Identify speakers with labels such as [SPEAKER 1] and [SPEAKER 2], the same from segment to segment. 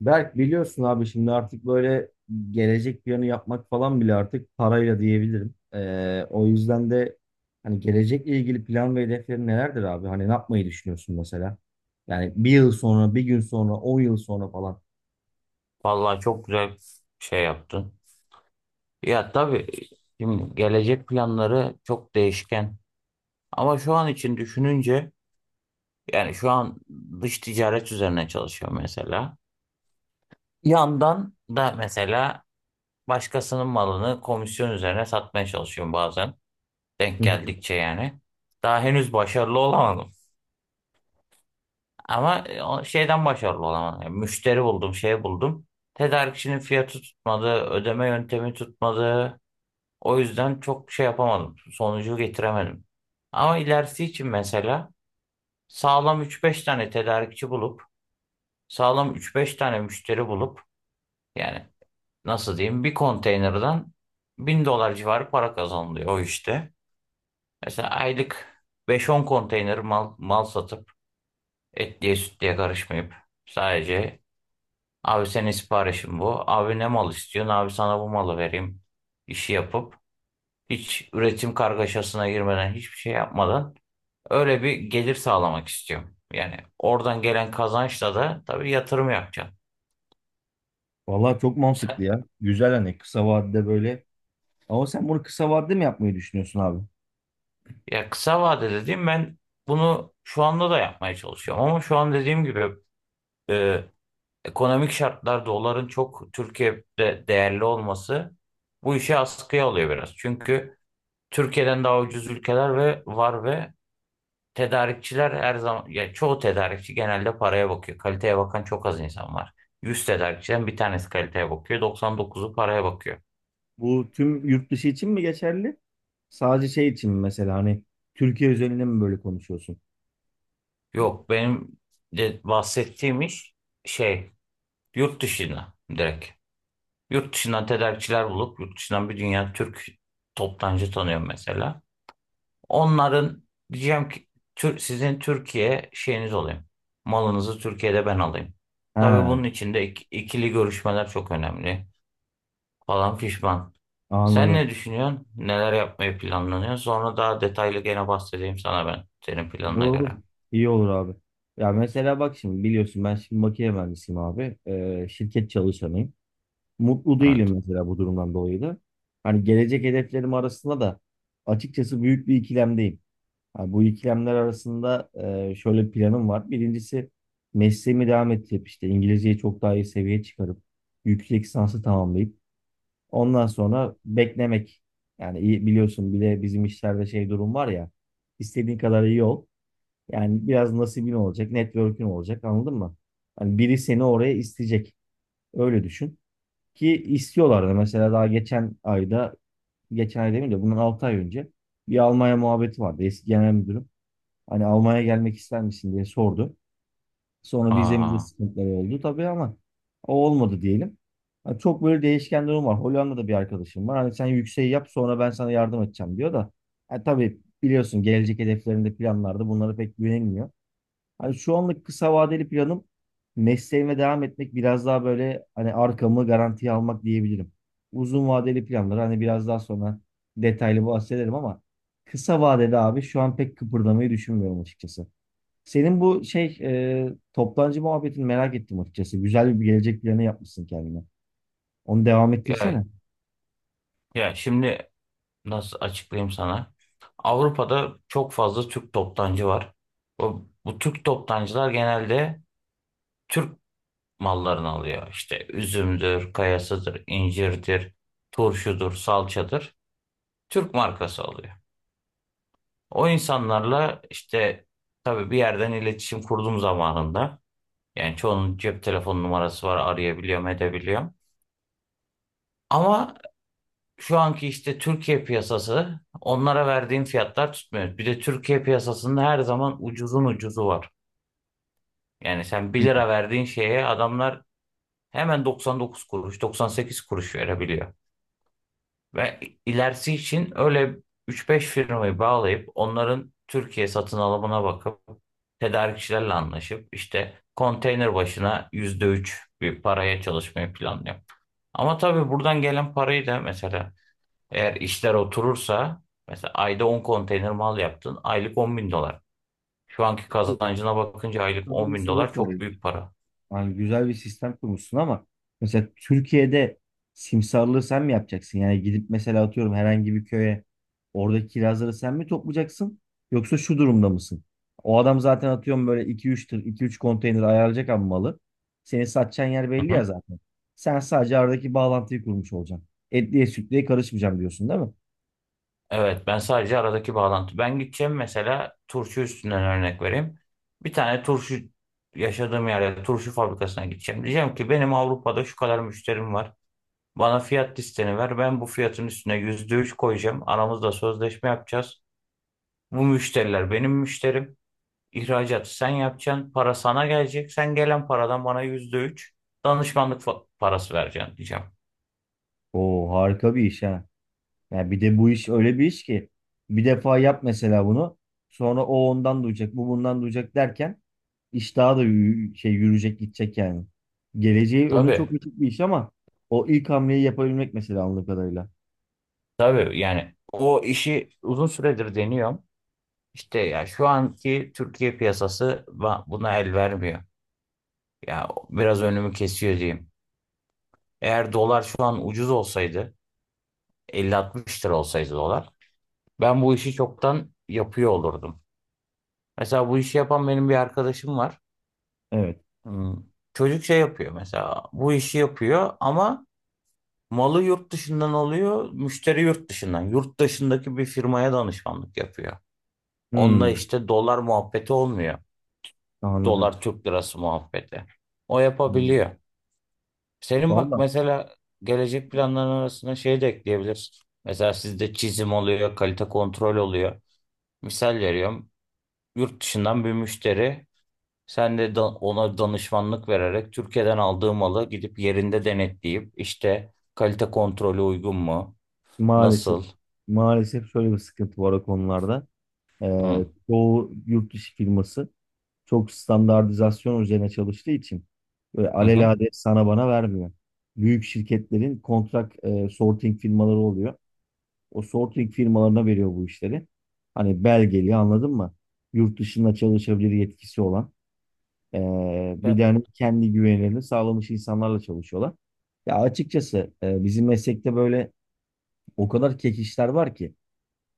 [SPEAKER 1] Berk biliyorsun abi şimdi artık böyle gelecek planı yapmak falan bile artık parayla diyebilirim. O yüzden de hani gelecekle ilgili plan ve hedeflerin nelerdir abi? Hani ne yapmayı düşünüyorsun mesela? Yani bir yıl sonra, bir gün sonra, 10 yıl sonra falan.
[SPEAKER 2] Vallahi çok güzel şey yaptın. Ya tabii şimdi gelecek planları çok değişken. Ama şu an için düşününce yani şu an dış ticaret üzerine çalışıyorum mesela. Yandan da mesela başkasının malını komisyon üzerine satmaya çalışıyorum bazen. Denk
[SPEAKER 1] Hı hı.
[SPEAKER 2] geldikçe yani. Daha henüz başarılı olamadım. Ama o şeyden başarılı olamadım. Yani müşteri buldum, şey buldum. Tedarikçinin fiyatı tutmadı, ödeme yöntemi tutmadı. O yüzden çok şey yapamadım. Sonucu getiremedim. Ama ilerisi için mesela sağlam üç beş tane tedarikçi bulup sağlam üç beş tane müşteri bulup yani nasıl diyeyim bir konteynerden 1.000 dolar civarı para kazanılıyor o işte. Mesela aylık beş on konteyner mal satıp etliye sütlüye karışmayıp sadece abi senin siparişin bu. Abi ne mal istiyorsun? Abi sana bu malı vereyim, işi yapıp hiç üretim kargaşasına girmeden hiçbir şey yapmadan öyle bir gelir sağlamak istiyorum. Yani oradan gelen kazançla da tabii yatırım yapacağım.
[SPEAKER 1] Vallahi çok mantıklı
[SPEAKER 2] Sen-
[SPEAKER 1] ya. Güzel hani kısa vadede böyle. Ama sen bunu kısa vadede mi yapmayı düşünüyorsun abi?
[SPEAKER 2] Ya kısa vade dediğim ben bunu şu anda da yapmaya çalışıyorum. Ama şu an dediğim gibi e, ekonomik şartlar doların çok Türkiye'de değerli olması bu işi askıya alıyor biraz. Çünkü Türkiye'den daha ucuz ülkeler ve var ve tedarikçiler her zaman ya çoğu tedarikçi genelde paraya bakıyor. Kaliteye bakan çok az insan var. 100 tedarikçiden bir tanesi kaliteye bakıyor. 99'u paraya bakıyor.
[SPEAKER 1] Bu tüm yurt dışı için mi geçerli? Sadece şey için mi mesela hani Türkiye özelinde mi böyle konuşuyorsun?
[SPEAKER 2] Yok benim de bahsettiğim iş şey yurt dışına direkt. Yurt dışından tedarikçiler bulup yurt dışından bir dünya Türk toptancı tanıyorum mesela. Onların diyeceğim ki sizin Türkiye şeyiniz olayım. Malınızı Türkiye'de ben alayım. Tabii
[SPEAKER 1] Ha,
[SPEAKER 2] bunun için de ikili görüşmeler çok önemli falan fişman. Sen
[SPEAKER 1] anladım.
[SPEAKER 2] ne düşünüyorsun? Neler yapmayı planlanıyor? Sonra daha detaylı gene bahsedeyim sana ben senin planına
[SPEAKER 1] Olur. Olur.
[SPEAKER 2] göre.
[SPEAKER 1] İyi olur abi. Ya mesela bak şimdi biliyorsun ben şimdi makine mühendisiyim abi. Şirket çalışanıyım. Mutlu değilim
[SPEAKER 2] Evet.
[SPEAKER 1] mesela bu durumdan dolayı da. Hani gelecek hedeflerim arasında da açıkçası büyük bir ikilemdeyim. Ha, bu ikilemler arasında şöyle bir planım var. Birincisi mesleğimi devam ettirip işte İngilizceyi çok daha iyi seviyeye çıkarıp yüksek lisansı tamamlayıp ondan sonra beklemek. Yani iyi, biliyorsun bile bizim işlerde şey durum var ya istediğin kadar iyi ol. Yani biraz nasibin olacak, network'ün olacak anladın mı? Hani biri seni oraya isteyecek. Öyle düşün. Ki istiyorlardı. Mesela daha geçen ayda, geçen ay demeyeyim de bundan 6 ay önce bir Almanya muhabbeti vardı. Eski genel müdürüm. Hani Almanya'ya gelmek ister misin diye sordu. Sonra vizemizde
[SPEAKER 2] Aa,
[SPEAKER 1] sıkıntılar oldu tabii ama o olmadı diyelim. Hani çok böyle değişken durum var. Hollanda'da bir arkadaşım var. Hani sen yükseği yap sonra ben sana yardım edeceğim diyor da. Ha, tabii biliyorsun gelecek hedeflerinde planlarda bunlara pek güvenilmiyor. Hani şu anlık kısa vadeli planım mesleğime devam etmek biraz daha böyle hani arkamı garantiye almak diyebilirim. Uzun vadeli planları hani biraz daha sonra detaylı bahsederim ama kısa vadede abi şu an pek kıpırdamayı düşünmüyorum açıkçası. Senin bu şey toptancı muhabbetini merak ettim açıkçası. Güzel bir gelecek planı yapmışsın kendine. Onu devam
[SPEAKER 2] ya
[SPEAKER 1] ettirsene.
[SPEAKER 2] Ya şimdi nasıl açıklayayım sana? Avrupa'da çok fazla Türk toptancı var. Bu Türk toptancılar genelde Türk mallarını alıyor. İşte üzümdür, kayasıdır, incirdir, turşudur, salçadır. Türk markası alıyor. O insanlarla işte tabii bir yerden iletişim kurduğum zamanında yani çoğunun cep telefon numarası var arayabiliyorum edebiliyorum. Ama şu anki işte Türkiye piyasası onlara verdiğin fiyatlar tutmuyor. Bir de Türkiye piyasasında her zaman ucuzun ucuzu var. Yani sen bir
[SPEAKER 1] Hı.
[SPEAKER 2] lira verdiğin şeye adamlar hemen 99 kuruş, 98 kuruş verebiliyor. Ve ilerisi için öyle 3-5 firmayı bağlayıp onların Türkiye satın alımına bakıp tedarikçilerle anlaşıp işte konteyner başına %3 bir paraya çalışmayı planlıyor. Ama tabii buradan gelen parayı da mesela eğer işler oturursa mesela ayda 10 konteyner mal yaptın aylık 10.000 dolar. Şu anki
[SPEAKER 1] Peki,
[SPEAKER 2] kazancına bakınca aylık
[SPEAKER 1] sana
[SPEAKER 2] on
[SPEAKER 1] bir
[SPEAKER 2] bin
[SPEAKER 1] soru
[SPEAKER 2] dolar çok
[SPEAKER 1] sorayım.
[SPEAKER 2] büyük para.
[SPEAKER 1] Yani güzel bir sistem kurmuşsun ama mesela Türkiye'de simsarlığı sen mi yapacaksın? Yani gidip mesela atıyorum herhangi bir köye oradaki kirazları sen mi toplayacaksın? Yoksa şu durumda mısın? O adam zaten atıyorum böyle iki üç tır, iki üç konteyner ayarlayacak ama malı. Seni satacağın yer belli
[SPEAKER 2] Hı hı.
[SPEAKER 1] ya zaten. Sen sadece aradaki bağlantıyı kurmuş olacaksın. Etliye sütlüye karışmayacağım diyorsun değil mi?
[SPEAKER 2] Evet ben sadece aradaki bağlantı. Ben gideceğim mesela turşu üstünden örnek vereyim. Bir tane turşu yaşadığım yerde turşu fabrikasına gideceğim. Diyeceğim ki benim Avrupa'da şu kadar müşterim var. Bana fiyat listeni ver. Ben bu fiyatın üstüne %3 koyacağım. Aramızda sözleşme yapacağız. Bu müşteriler benim müşterim. İhracatı sen yapacaksın. Para sana gelecek. Sen gelen paradan bana %3 danışmanlık parası vereceksin diyeceğim.
[SPEAKER 1] Oo harika bir iş ha. Yani bir de bu iş öyle bir iş ki bir defa yap mesela bunu. Sonra o ondan duyacak, bu bundan duyacak derken iş daha da yürüyecek, gidecek yani. Geleceği önü çok
[SPEAKER 2] Tabii.
[SPEAKER 1] açık bir iş ama o ilk hamleyi yapabilmek mesela anladığım kadarıyla.
[SPEAKER 2] Tabii yani o işi uzun süredir deniyorum. İşte ya şu anki Türkiye piyasası buna el vermiyor. Ya biraz önümü kesiyor diyeyim. Eğer dolar şu an ucuz olsaydı 50-60 lira olsaydı dolar ben bu işi çoktan yapıyor olurdum. Mesela bu işi yapan benim bir arkadaşım var.
[SPEAKER 1] Evet.
[SPEAKER 2] Hmm, Çocuk şey yapıyor mesela bu işi yapıyor ama malı yurt dışından alıyor, müşteri yurt dışından. Yurt dışındaki bir firmaya danışmanlık yapıyor. Onunla
[SPEAKER 1] Hmm,
[SPEAKER 2] işte dolar muhabbeti olmuyor.
[SPEAKER 1] anladım.
[SPEAKER 2] Dolar Türk lirası muhabbeti. O
[SPEAKER 1] Hmm.
[SPEAKER 2] yapabiliyor. Senin bak
[SPEAKER 1] Valla
[SPEAKER 2] mesela gelecek planların arasında şey de ekleyebilirsin. Mesela sizde çizim oluyor, kalite kontrol oluyor. Misal veriyorum. Yurt dışından bir müşteri sen de ona danışmanlık vererek Türkiye'den aldığı malı gidip yerinde denetleyip işte kalite kontrolü uygun mu?
[SPEAKER 1] maalesef
[SPEAKER 2] Nasıl?
[SPEAKER 1] maalesef şöyle bir sıkıntı var o konularda.
[SPEAKER 2] Hı.
[SPEAKER 1] Çoğu yurt dışı firması çok standartizasyon üzerine çalıştığı için böyle
[SPEAKER 2] Hı hı.
[SPEAKER 1] alelade sana bana vermiyor. Büyük şirketlerin kontrak sorting firmaları oluyor. O sorting firmalarına veriyor bu işleri. Hani belgeli anladın mı? Yurt dışında çalışabilir yetkisi olan. e,
[SPEAKER 2] Ya,
[SPEAKER 1] Bir de hani kendi güvenilerini sağlamış insanlarla çalışıyorlar. Ya açıkçası bizim meslekte böyle o kadar kek işler var ki.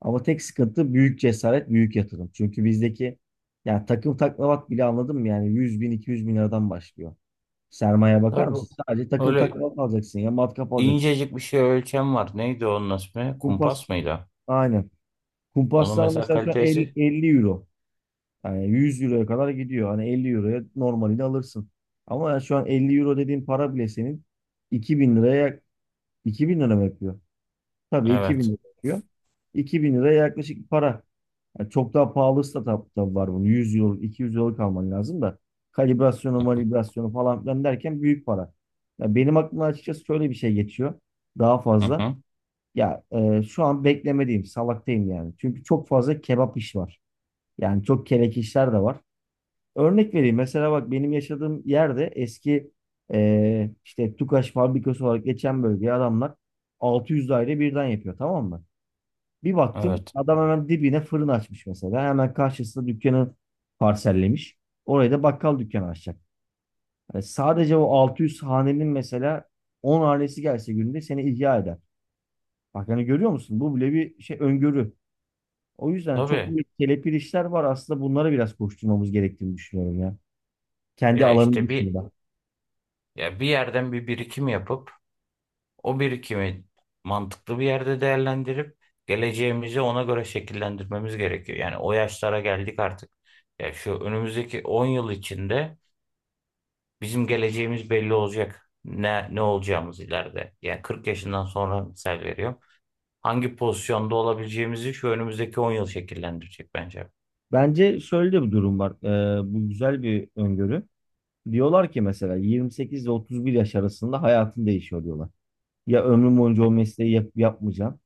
[SPEAKER 1] Ama tek sıkıntı büyük cesaret, büyük yatırım. Çünkü bizdeki yani takım taklavat bile anladım yani 100 bin, 200 bin liradan başlıyor. Sermaye bakar mısın?
[SPEAKER 2] tabii
[SPEAKER 1] Sadece takım
[SPEAKER 2] öyle
[SPEAKER 1] taklavat alacaksın ya matkap alacaksın.
[SPEAKER 2] incecik bir şey ölçem var. Neydi onun ismi?
[SPEAKER 1] Kumpas
[SPEAKER 2] Kumpas mıydı?
[SPEAKER 1] aynen.
[SPEAKER 2] Onun
[SPEAKER 1] Kumpaslar
[SPEAKER 2] mesela
[SPEAKER 1] mesela şu an 50,
[SPEAKER 2] kalitesi.
[SPEAKER 1] 50 euro. Yani 100 euroya kadar gidiyor. Hani 50 euroya normalini alırsın. Ama yani şu an 50 euro dediğin para bile senin 2000 liraya 2000 lira mı yapıyor? Tabii 2000
[SPEAKER 2] Evet.
[SPEAKER 1] lira yapıyor. 2000 liraya yaklaşık para. Yani çok daha pahalı startup'ta var bunun. 100 yıl, 200 yıllık alman lazım da. Kalibrasyonu, validasyonu falan filan derken büyük para. Ya benim aklımdan açıkçası şöyle bir şey geçiyor. Daha
[SPEAKER 2] Hı
[SPEAKER 1] fazla.
[SPEAKER 2] hı.
[SPEAKER 1] Ya şu an beklemediğim, salaktayım yani. Çünkü çok fazla kebap iş var. Yani çok kelek işler de var. Örnek vereyim. Mesela bak benim yaşadığım yerde eski işte Tukaş fabrikası olarak geçen bölgeye adamlar 600 daire birden yapıyor tamam mı? Bir baktım
[SPEAKER 2] Evet.
[SPEAKER 1] adam hemen dibine fırın açmış mesela. Hemen karşısında dükkanı parsellemiş. Oraya da bakkal dükkanı açacak. Yani sadece o 600 hanenin mesela 10 hanesi gelse günde seni ihya eder. Bak hani görüyor musun? Bu bile bir şey öngörü. O yüzden çok
[SPEAKER 2] Tabii.
[SPEAKER 1] büyük kelepir işler var. Aslında bunlara biraz koşturmamız gerektiğini düşünüyorum ya. Kendi
[SPEAKER 2] Ya
[SPEAKER 1] alanının
[SPEAKER 2] işte bir
[SPEAKER 1] dışında.
[SPEAKER 2] ya bir yerden bir birikim yapıp o birikimi mantıklı bir yerde değerlendirip geleceğimizi ona göre şekillendirmemiz gerekiyor. Yani o yaşlara geldik artık. Ya şu önümüzdeki 10 yıl içinde bizim geleceğimiz belli olacak. Ne olacağımız ileride. Yani 40 yaşından sonra misal veriyorum, hangi pozisyonda olabileceğimizi şu önümüzdeki 10 yıl şekillendirecek bence.
[SPEAKER 1] Bence şöyle de bir durum var. Bu güzel bir öngörü. Diyorlar ki mesela 28 ile 31 yaş arasında hayatın değişiyor diyorlar. Ya ömrüm boyunca o mesleği yapmayacağım.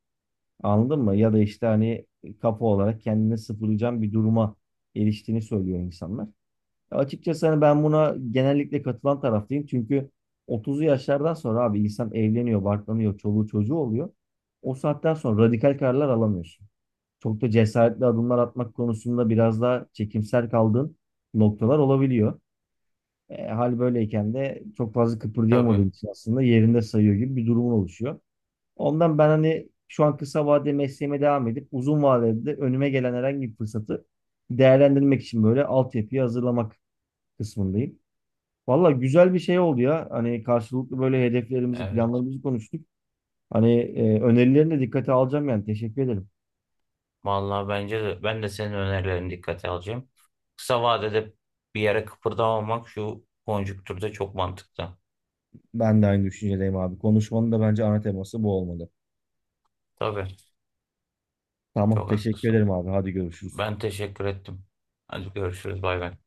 [SPEAKER 1] Anladın mı? Ya da işte hani kafa olarak kendini sıfırlayacağım bir duruma eriştiğini söylüyor insanlar. Ya açıkçası hani ben buna genellikle katılan taraftayım. Çünkü 30'lu yaşlardan sonra abi insan evleniyor, barklanıyor, çoluğu çocuğu oluyor. O saatten sonra radikal kararlar alamıyorsun. Çok da cesaretli adımlar atmak konusunda biraz daha çekimser kaldığın noktalar olabiliyor. Hal böyleyken de çok fazla
[SPEAKER 2] Tabii.
[SPEAKER 1] kıpırdayamadığın için aslında yerinde sayıyor gibi bir durumun oluşuyor. Ondan ben hani şu an kısa vadeli mesleğime devam edip uzun vadede de önüme gelen herhangi bir fırsatı değerlendirmek için böyle altyapıyı hazırlamak kısmındayım. Valla güzel bir şey oldu ya. Hani karşılıklı böyle hedeflerimizi,
[SPEAKER 2] Evet.
[SPEAKER 1] planlarımızı konuştuk. Hani önerilerini de dikkate alacağım yani. Teşekkür ederim.
[SPEAKER 2] Vallahi bence de ben de senin önerilerini dikkate alacağım. Kısa vadede bir yere kıpırdamamak şu konjüktürde çok mantıklı.
[SPEAKER 1] Ben de aynı düşüncedeyim abi. Konuşmanın da bence ana teması bu olmalı.
[SPEAKER 2] Tabii.
[SPEAKER 1] Tamam,
[SPEAKER 2] Çok
[SPEAKER 1] teşekkür
[SPEAKER 2] haklısın.
[SPEAKER 1] ederim abi. Hadi görüşürüz.
[SPEAKER 2] Ben teşekkür ettim. Hadi görüşürüz. Bay bay.